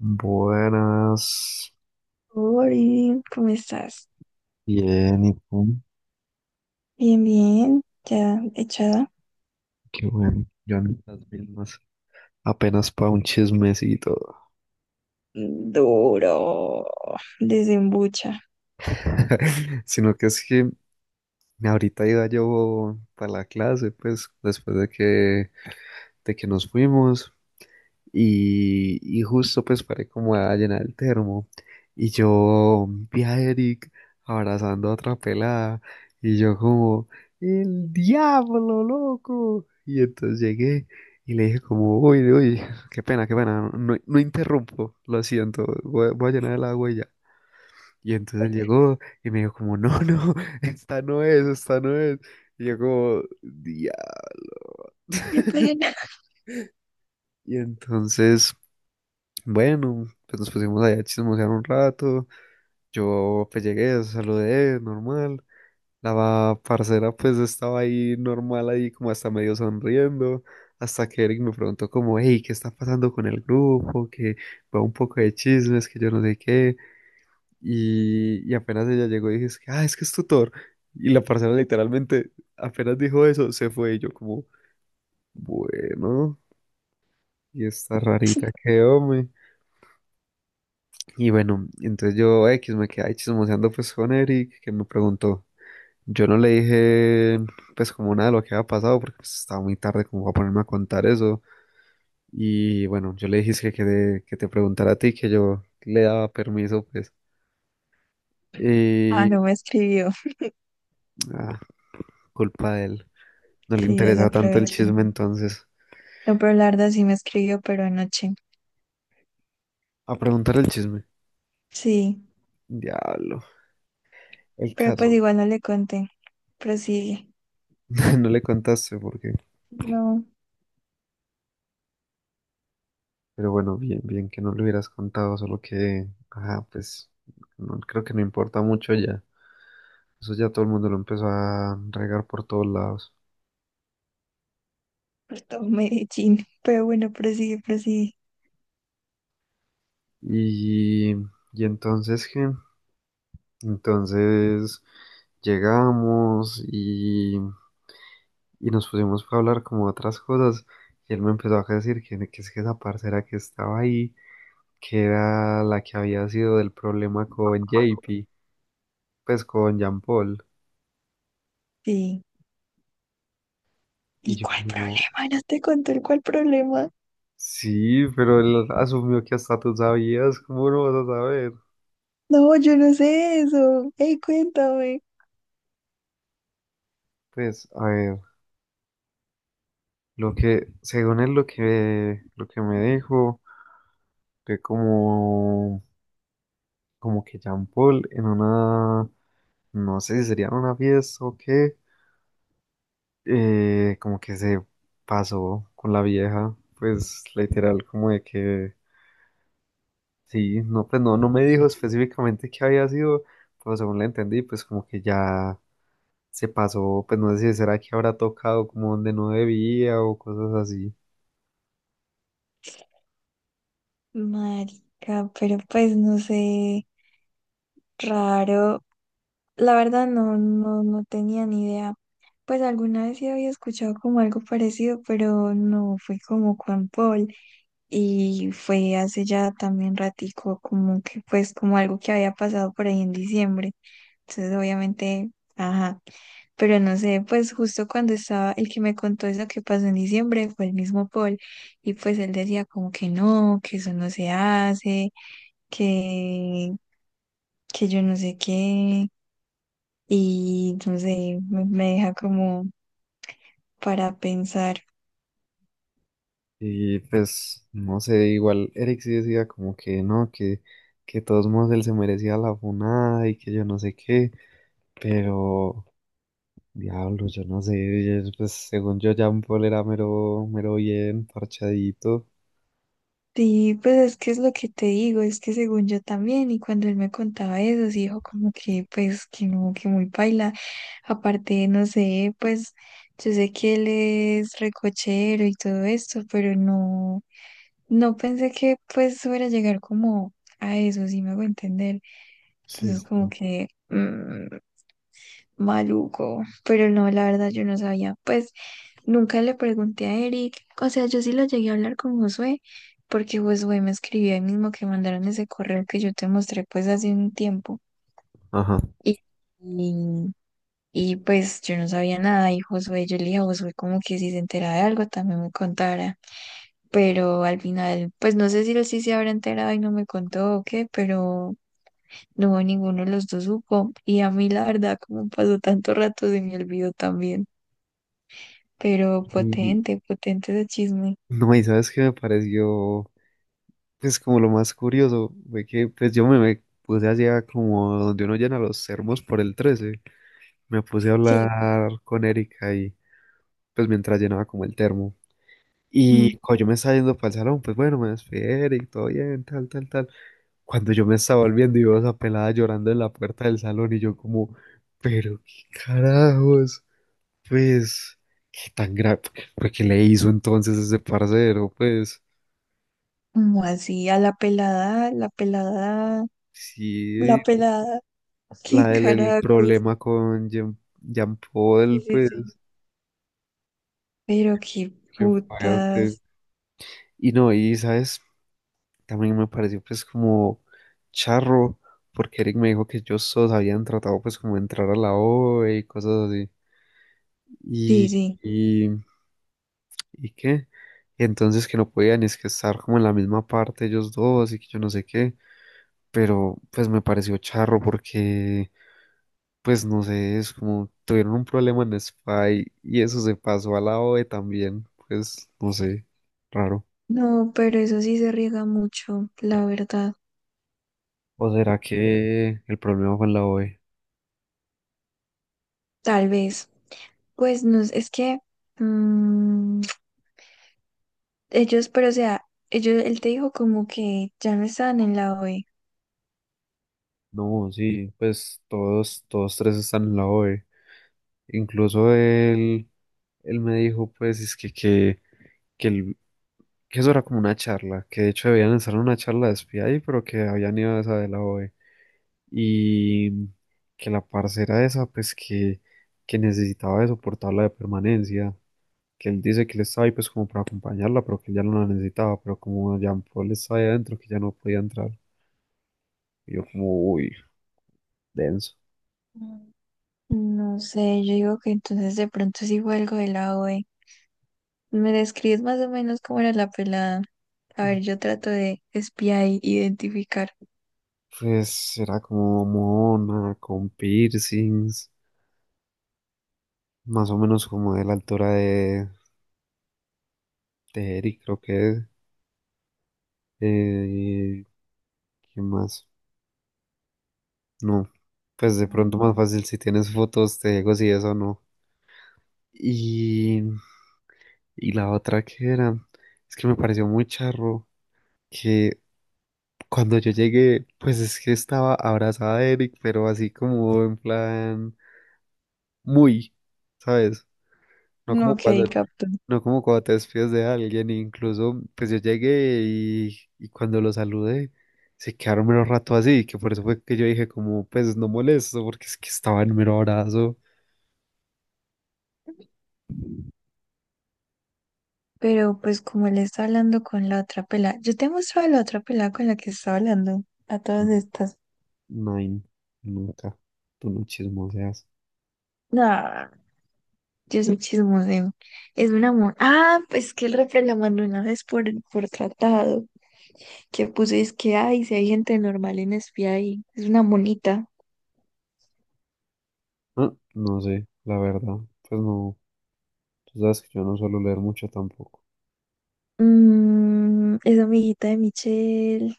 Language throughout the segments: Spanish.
Buenas, Ori, ¿cómo estás? bien, ¿y tú? Bien, bien, ya echada. Qué bueno, yo ando en las mismas, apenas para un chismecito, Duro, desembucha. sino que es que ahorita iba yo para la clase, pues, de que nos fuimos. Y justo pues paré como a llenar el termo. Y yo vi a Eric abrazando a otra pelada. Y yo como, el diablo, loco. Y entonces llegué y le dije como, uy, uy, qué pena, qué pena. No, no, no interrumpo, lo siento. Voy a llenar el agua y ya. Y entonces él llegó y me dijo como, no, no, esta no es. Y yo como, diablo. Qué pena. Y entonces, bueno, pues nos pusimos allá a chismosear un rato. Yo pues llegué, saludé, normal. La parcera pues estaba ahí normal, ahí como hasta medio sonriendo. Hasta que Eric me preguntó como, hey, ¿qué está pasando con el grupo? Que va un poco de chismes, que yo no sé qué. Y apenas ella llegó y dije, es que, ah, es que es tutor. Y la parcera literalmente apenas dijo eso, se fue y yo como, bueno, y está rarita, qué hombre. Y bueno, entonces yo X me quedé ahí chismoseando pues con Eric, que me preguntó. Yo no le dije pues como nada de lo que había pasado, porque pues estaba muy tarde como para ponerme a contar eso. Y bueno, yo le dije es que te preguntara a ti, que yo le daba permiso pues. Ah, Y no me escribió. ah, culpa de él. No le Sí, interesa tanto el desaproveché. chisme entonces. No, pero Larda sí me escribió, pero anoche. A preguntar el chisme. Sí, Diablo. El pero pues caso. igual no le conté. Prosigue. No le contaste porque No, pero bueno, bien, bien que no lo hubieras contado, solo que, ajá, pues no, creo que no importa mucho ya. Eso ya todo el mundo lo empezó a regar por todos lados. pues todo Medellín. Pero bueno, prosigue, prosigue. Y, y entonces, ¿qué? Entonces llegamos y nos pusimos a hablar como de otras cosas. Y él me empezó a decir que es que esa parcera que estaba ahí, que era la que había sido del problema con J P, pues con Jean Paul. Sí. Y ¿Y yo cuál como, problema? No te conté el cuál problema. sí, pero él asumió que hasta tú sabías, ¿cómo no vas a saber? No, yo no sé eso. Ey, cuéntame. Pues, a ver, lo que me dijo, fue como, como que Jean Paul en una, no sé si sería en una fiesta o qué, como que se pasó con la vieja, pues literal, como de que, sí, no, pues no, no me dijo específicamente qué había sido, pero según le entendí, pues como que ya se pasó, pues no sé si será que habrá tocado como donde no debía o cosas así. Marica, pero pues no sé. Raro, la verdad no tenía ni idea. Pues alguna vez sí había escuchado como algo parecido, pero no fue como Juan Paul y fue hace ya también ratico, como que pues como algo que había pasado por ahí en diciembre. Entonces obviamente, ajá, pero no sé, pues justo cuando estaba el que me contó eso que pasó en diciembre fue el mismo Paul y pues él decía como que no, que eso no se hace, que, que yo no sé qué. Y no sé, me deja como para pensar. Y pues, no sé, igual Eric sí decía como que no, que de todos modos él se merecía la funada y que yo no sé qué, pero diablo, yo no sé, yo- pues según yo Jean Paul era mero, mero bien, parchadito. Sí, pues es que es lo que te digo, es que según yo también, y cuando él me contaba eso, sí dijo como que pues que no, que muy paila. Aparte, no sé, pues yo sé que él es recochero y todo esto, pero no, no pensé que pues fuera a llegar como a eso, sí me hago entender. Sí, Entonces como sí. que maluco, pero no, la verdad yo no sabía. Pues nunca le pregunté a Eric, o sea, yo sí lo llegué a hablar con Josué, porque Josué me escribió ahí mismo que mandaron ese correo que yo te mostré pues hace un tiempo. Ajá. Y, y, pues yo no sabía nada y Josué, yo le dije a Josué como que si se enteraba de algo también me contara, pero al final, pues no sé si él sí se habrá enterado y no me contó o qué, pero... No, ninguno de los dos supo. Y a mí, la verdad, como pasó tanto rato, se me olvidó también. Pero Y potente, potente de chisme. no, y sabes qué me pareció. Pues como lo más curioso fue que pues yo me puse allá como donde uno llena los termos por el 13. Me puse a Sí. hablar con Erika y pues mientras llenaba como el termo. Mm. Y cuando yo me estaba yendo para el salón, pues bueno, me despedí de Eric, todo bien, tal, tal, tal. Cuando yo me estaba volviendo y veo a esa pelada llorando en la puerta del salón y yo como, pero qué carajos, pues, qué tan grave, porque le hizo entonces ese parcero, pues, Como así, a la pelada, la pelada, sí, la pelada, la qué del el carajos. problema con Jean Sí, Paul, sí, pues, sí. Pero qué que fue, pues. putas. Y no, y sabes, también me pareció, pues, como charro, porque Eric me dijo que ellos todos habían tratado, pues, como de entrar a la OE y cosas así. Sí, Y, sí. y, ¿Y qué? Y entonces que no podían, es que estar como en la misma parte ellos dos y que yo no sé qué. Pero, pues, me pareció charro porque, pues no sé, es como tuvieron un problema en Spy y eso se pasó a la OE también. Pues no sé, raro. No, pero eso sí se riega mucho, la verdad. ¿O será que el problema fue en la OE? Tal vez. Pues no, es que mm, ellos, pero o sea, ellos, él te dijo como que ya no estaban en la OE. No, sí, pues todos, todos tres están en la OE. Incluso él, él me dijo, pues, es que, el- que eso era como una charla, que de hecho debían estar en una charla de espía ahí, pero que habían ido a esa de la OE. Y que la parcera esa, pues, que necesitaba eso por tabla de permanencia. Que él dice que él estaba ahí, pues, como para acompañarla, pero que él ya no la necesitaba, pero como Jean Paul estaba ahí adentro, que ya no podía entrar. Y yo como, uy, denso. Mm. No sé, yo digo que entonces de pronto sí fue algo de la OE. ¿Me describes más o menos cómo era la pelada? A ver, yo trato de espiar y identificar. Pues era como mona, con piercings, más o menos como de la altura de Eric, creo que es. Eh, ¿Qué más? No, pues de pronto Mm. más fácil si tienes fotos, te digo si eso o no. Y, y la otra que era, es que me pareció muy charro que cuando yo llegué, pues es que estaba abrazada de Eric, pero así como en plan, muy, ¿sabes? No No, como ok, cuando, capto. no como cuando te despides de alguien, incluso pues yo llegué y cuando lo saludé se quedaron mero rato así, que por eso fue que yo dije como pues no molesto porque es que estaba en mero abrazo. Pero pues como él está hablando con la otra pelada, yo te he mostrado la otra pelada con la que está hablando a todas estas. No, nunca, tú no chismoseas. No, yo soy chismoseo. Es un amor. Ah, pues que el refre la mandó una vez por tratado, que puso es que ay, si hay gente normal en espía ahí. Es una monita. Ah, no sé, la verdad, pues no, tú sabes que yo no suelo leer mucho tampoco. Mm, es amiguita de Michelle.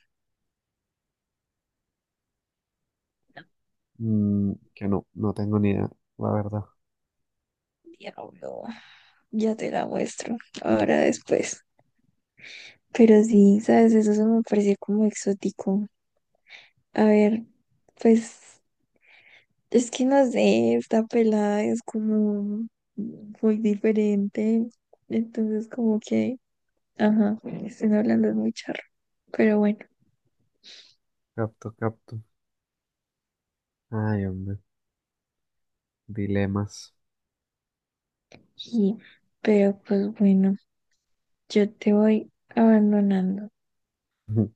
Mm, que no, no tengo ni idea, la verdad. Diablo. Ya te la muestro, ahora después. Pero sí, ¿sabes? Eso se me pareció como exótico. A ver, pues es que no sé, esta pelada es como muy diferente. Entonces como que, ajá, estén hablando es muy charro. Pero bueno, Capto, capto. Ay, hombre, dilemas. sí. Pero pues bueno, yo te voy abandonando.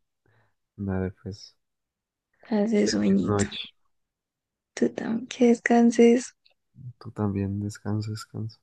Dale, pues. Hace Feliz sueñito. noche. Tú también que descanses. Tú también, descansa, descansa.